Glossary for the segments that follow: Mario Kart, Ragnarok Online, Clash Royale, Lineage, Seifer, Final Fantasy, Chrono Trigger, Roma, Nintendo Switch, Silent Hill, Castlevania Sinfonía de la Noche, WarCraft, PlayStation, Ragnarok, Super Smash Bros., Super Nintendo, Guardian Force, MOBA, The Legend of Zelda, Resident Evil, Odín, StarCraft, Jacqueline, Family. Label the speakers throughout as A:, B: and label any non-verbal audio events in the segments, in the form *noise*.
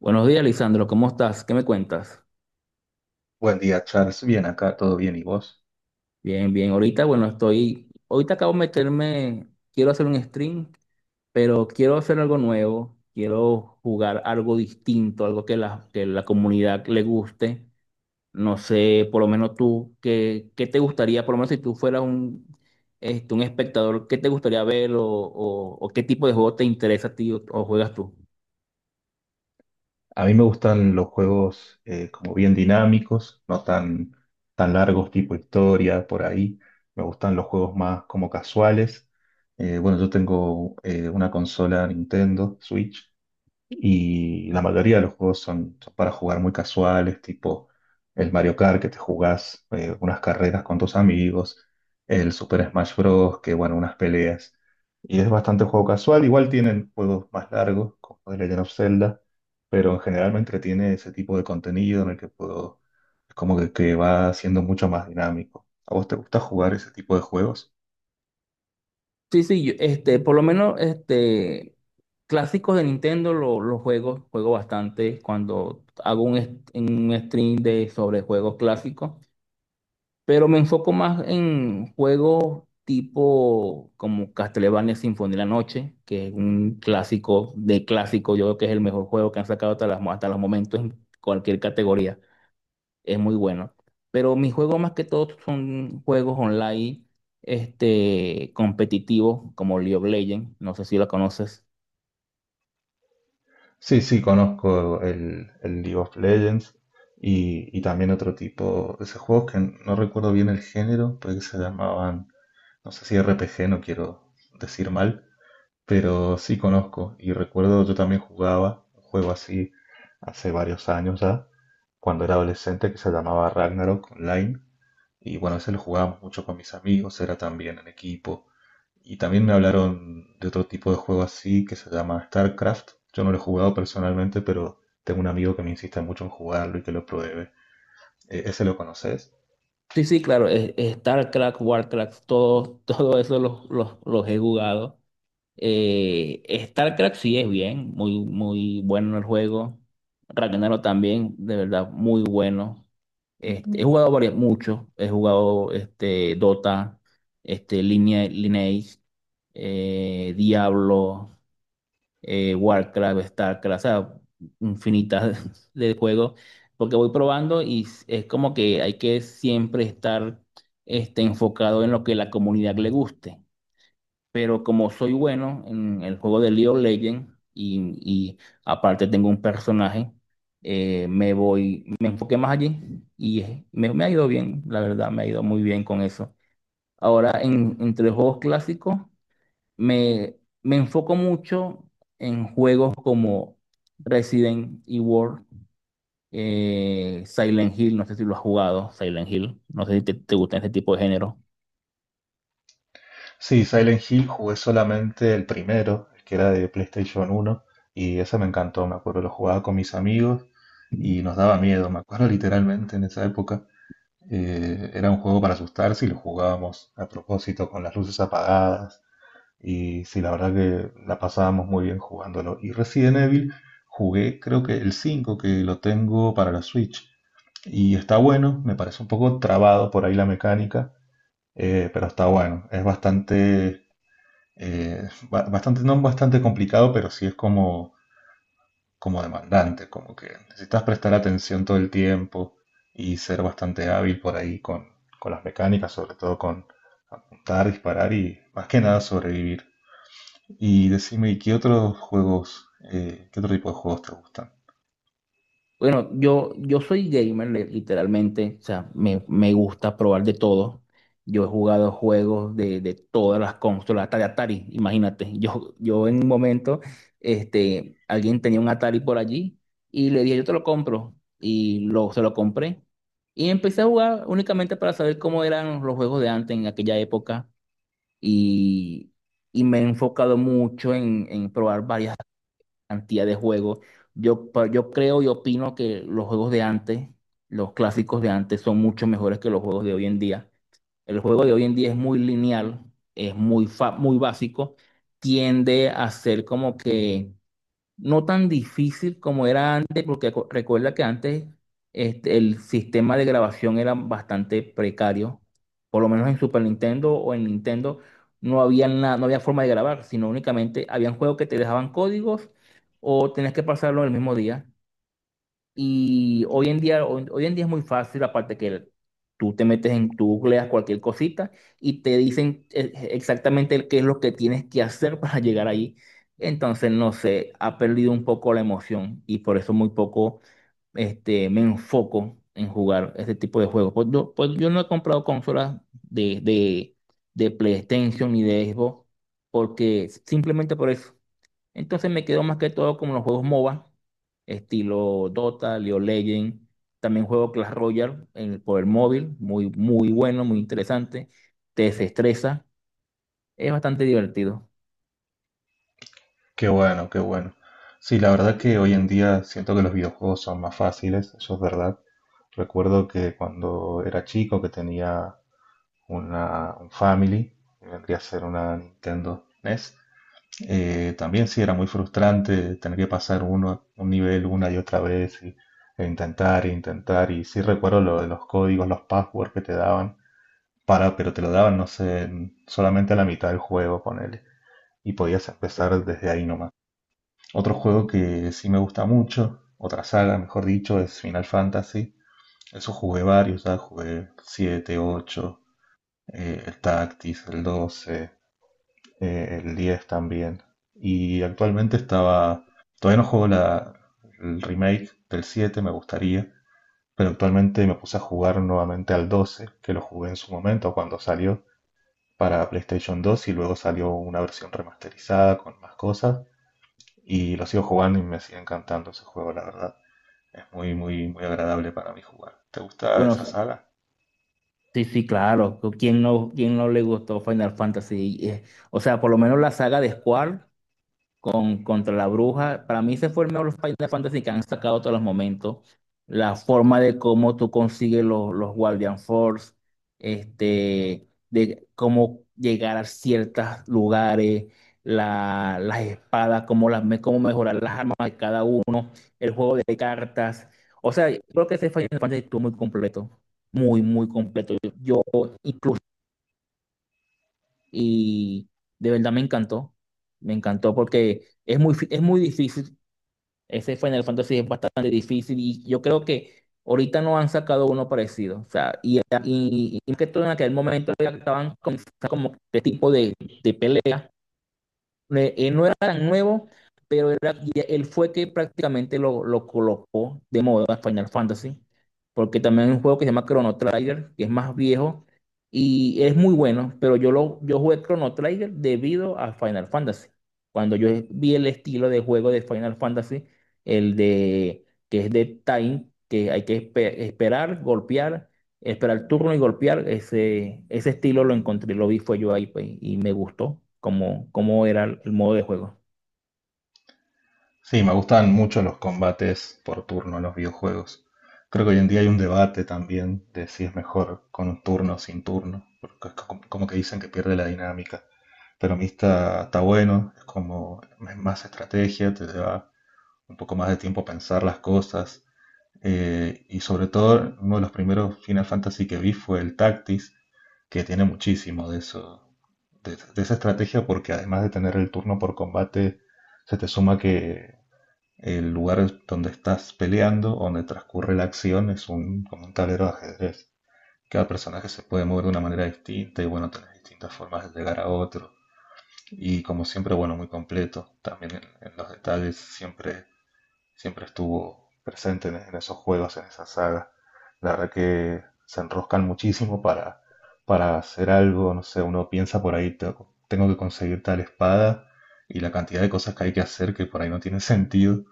A: Buenos días, Lisandro. ¿Cómo estás? ¿Qué me cuentas?
B: Buen día, Charles. Bien, acá todo bien. ¿Y vos?
A: Bien, bien. Ahorita, bueno, estoy. Ahorita acabo de meterme. Quiero hacer un stream, pero quiero hacer algo nuevo. Quiero jugar algo distinto, algo que la comunidad le guste. No sé, por lo menos tú, ¿qué te gustaría? Por lo menos si tú fueras un, un espectador, ¿qué te gustaría ver o qué tipo de juego te interesa a ti o juegas tú?
B: A mí me gustan los juegos como bien dinámicos, no tan largos, tipo historia, por ahí. Me gustan los juegos más como casuales. Bueno, yo tengo una consola Nintendo Switch. Y la mayoría de los juegos son para jugar muy casuales, tipo el Mario Kart que te jugás unas carreras con tus amigos, el Super Smash Bros. Que bueno, unas peleas. Y es bastante juego casual, igual tienen juegos más largos, como The Legend of Zelda, pero generalmente tiene ese tipo de contenido en el que puedo, es como que va siendo mucho más dinámico. ¿A vos te gusta jugar ese tipo de juegos?
A: Sí, sí, yo, este, por lo menos, este, Clásicos de Nintendo los juegos, juego bastante cuando hago un stream de, sobre juegos clásicos, pero me enfoco más en juegos tipo como Castlevania Sinfonía de la Noche, que es un clásico de clásico. Yo creo que es el mejor juego que han sacado hasta los momentos en cualquier categoría, es muy bueno. Pero mis juegos más que todo son juegos online, competitivos como League of Legends, no sé si la conoces.
B: Sí, sí, conozco el League of Legends y también otro tipo de esos juegos que no recuerdo bien el género, puede que se llamaban, no sé si RPG, no quiero decir mal, pero sí conozco y recuerdo yo también jugaba un juego así hace varios años ya, cuando era adolescente, que se llamaba Ragnarok Online. Y bueno, a veces lo jugábamos mucho con mis amigos, era también en equipo. Y también me hablaron de otro tipo de juego así que se llama StarCraft. Yo no lo he jugado personalmente, pero tengo un amigo que me insiste mucho en jugarlo y que lo pruebe. ¿Ese lo conoces?
A: Sí, sí, claro, es StarCraft, WarCraft, todo, *laughs* todo eso los he jugado. Eh, StarCraft sí es bien, muy, muy bueno el juego. Ragnarok también, de verdad, muy bueno. He jugado varios, muchos. He jugado Dota, Lineage, Diablo, Warcraft, Starcraft. O sea, infinitas *laughs* de juegos, porque voy probando y es como que hay que siempre estar enfocado en lo que la comunidad le guste. Pero como soy bueno en el juego de League of Legends y aparte tengo un personaje, me enfoqué más allí y me ha ido bien, la verdad, me ha ido muy bien con eso. Ahora, entre los juegos clásicos, me, me enfoco mucho en juegos como Resident Evil, Silent Hill, no sé si lo has jugado. Silent Hill, no sé si te gusta ese tipo de género.
B: Sí, Silent Hill jugué solamente el primero, el que era de PlayStation uno, y ese me encantó, me acuerdo, lo jugaba con mis amigos y nos daba miedo, me acuerdo literalmente en esa época. Era un juego para asustarse y lo jugábamos a propósito con las luces apagadas. Y sí, la verdad que la pasábamos muy bien jugándolo. Y Resident Evil jugué creo que el cinco, que lo tengo para la Switch. Y está bueno, me parece un poco trabado por ahí la mecánica, pero está bueno. Es bastante, bastante, no bastante complicado, pero sí es como, como demandante, como que necesitas prestar atención todo el tiempo y ser bastante hábil por ahí con las mecánicas, sobre todo con apuntar, disparar y más que nada sobrevivir. Y decime, ¿y qué otros juegos, qué otro tipo de juegos te gustan?
A: Bueno, yo soy gamer, literalmente. O sea, me gusta probar de todo. Yo he jugado juegos de todas las consolas, hasta de Atari, imagínate. Yo en un momento, alguien tenía un Atari por allí y le dije, yo te lo compro. Y se lo compré. Y empecé a jugar únicamente para saber cómo eran los juegos de antes en aquella época. Y, y me he enfocado mucho en probar cantidad de juegos. Yo creo y opino que los juegos de antes, los clásicos de antes, son mucho mejores que los juegos de hoy en día. El juego de hoy en día es muy lineal, es muy básico, tiende a ser como que no tan difícil como era antes, porque recuerda que antes el sistema de grabación era bastante precario, por lo menos en Super Nintendo o en Nintendo no había forma de grabar, sino únicamente habían juegos que te dejaban códigos o tenías que pasarlo el mismo día. Y hoy en día, hoy en día es muy fácil, aparte que tú te metes tú googleas cualquier cosita y te dicen exactamente qué es lo que tienes que hacer *laughs* para llegar ahí. Entonces, no sé, ha perdido un poco la emoción y por eso muy poco, me enfoco en jugar este tipo de juegos. Pues yo no he comprado consolas de PlayStation ni de Xbox, porque simplemente por eso. Entonces me quedo más que todo como los juegos MOBA, estilo Dota, League of Legends. También juego Clash Royale por el móvil, muy, muy bueno, muy interesante. Te desestresa, es bastante divertido.
B: Qué bueno, qué bueno. Sí, la verdad que hoy en día siento que los videojuegos son más fáciles, eso es verdad. Recuerdo que cuando era chico que tenía una, un Family, que vendría a ser una Nintendo NES, también sí era muy frustrante tener que pasar uno, un nivel una y otra vez y, e intentar e intentar. Y sí recuerdo lo de los códigos, los passwords que te daban. Para, pero te lo daban, no sé, solamente a la mitad del juego, ponele. Y podías empezar desde ahí nomás. Otro juego que sí me gusta mucho, otra saga, mejor dicho, es Final Fantasy. Eso jugué varios, ya jugué 7, 8, el Tactics, el 12, el 10 también. Y actualmente estaba. Todavía no juego la, el remake del 7, me gustaría. Pero actualmente me puse a jugar nuevamente al 12, que lo jugué en su momento cuando salió, para PlayStation 2, y luego salió una versión remasterizada con más cosas y lo sigo jugando y me sigue encantando ese juego, la verdad. Es muy, muy, muy agradable para mí jugar. ¿Te gusta
A: Bueno,
B: esa saga?
A: sí, sí, claro. ¿Quién no le gustó Final Fantasy? O sea, por lo menos la saga de Squall contra la bruja. Para mí ese fue el mejor los Final Fantasy que han sacado todos los momentos. La forma de cómo tú consigues los Guardian Force, de cómo llegar a ciertos lugares, las espadas, cómo mejorar las armas de cada uno, el juego de cartas. O sea, yo creo que ese Final Fantasy estuvo muy completo, muy, muy completo. Yo incluso, y de verdad me encantó porque... Es es muy difícil, ese Final Fantasy es bastante difícil y yo creo que ahorita no han sacado uno parecido. O sea, y más que todo en aquel momento ya estaban con como este tipo de pelea, no era tan nuevo, pero él fue que prácticamente lo colocó de moda Final Fantasy, porque también hay un juego que se llama Chrono Trigger, que es más viejo y es muy bueno. Pero yo jugué Chrono Trigger debido a Final Fantasy. Cuando yo vi el estilo de juego de Final Fantasy, el de que es de time, que hay que esperar, golpear, esperar el turno y golpear, ese estilo lo encontré, lo vi, fue yo ahí, pues, y me gustó cómo, cómo era el modo de juego.
B: Sí, me gustan mucho los combates por turno en los videojuegos. Creo que hoy en día hay un debate también de si es mejor con un turno o sin turno, porque como que dicen que pierde la dinámica. Pero a mí está bueno, es como es más estrategia, te lleva un poco más de tiempo pensar las cosas. Y sobre todo, uno de los primeros Final Fantasy que vi fue el Tactics, que tiene muchísimo de eso, de esa estrategia, porque además de tener el turno por combate, se te suma que el lugar donde estás peleando, donde transcurre la acción, es un, como un tablero de ajedrez. Cada personaje se puede mover de una manera distinta y bueno, tenés distintas formas de llegar a otro. Y como siempre, bueno, muy completo. También en los detalles siempre estuvo presente en esos juegos, en esa saga. La verdad que se enroscan muchísimo para hacer algo, no sé, uno piensa por ahí, tengo que conseguir tal espada y la cantidad de cosas que hay que hacer que por ahí no tiene *laughs* sentido,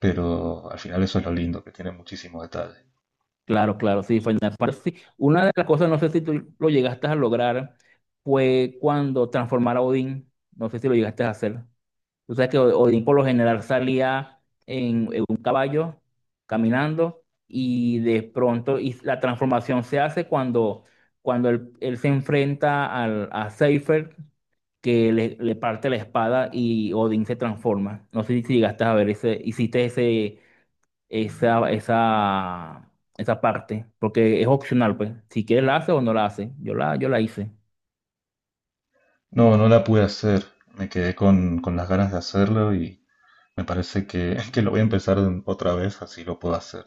B: pero al final eso es lo lindo, que tiene muchísimo detalle."
A: Claro, claro, sí, Final Fantasy. Una de las cosas, no sé si tú lo llegaste a lograr, fue cuando transformar a Odín, no sé si lo llegaste a hacer. O sea que Odín por lo general salía en un caballo caminando, y de pronto y la transformación se hace cuando él se enfrenta a Seifer, que le parte la espada y Odín se transforma. No sé si llegaste a ver ese, hiciste esa, esa, esa parte, porque es opcional, pues. Si quieres la hace o no la hace. Yo la hice.
B: No, no la pude hacer, me quedé con las ganas de hacerlo y me parece que, *laughs* que lo voy a empezar otra vez, así lo puedo hacer.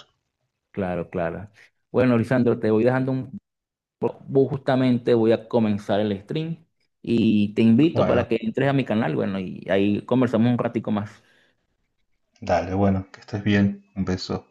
A: Claro, claro. Bueno, Lisandro, te voy dejando un. Pues, vos justamente voy a comenzar el stream y te invito
B: Bueno,
A: para que entres a mi canal, bueno, y ahí conversamos un ratico más.
B: dale, bueno, que estés bien, un beso.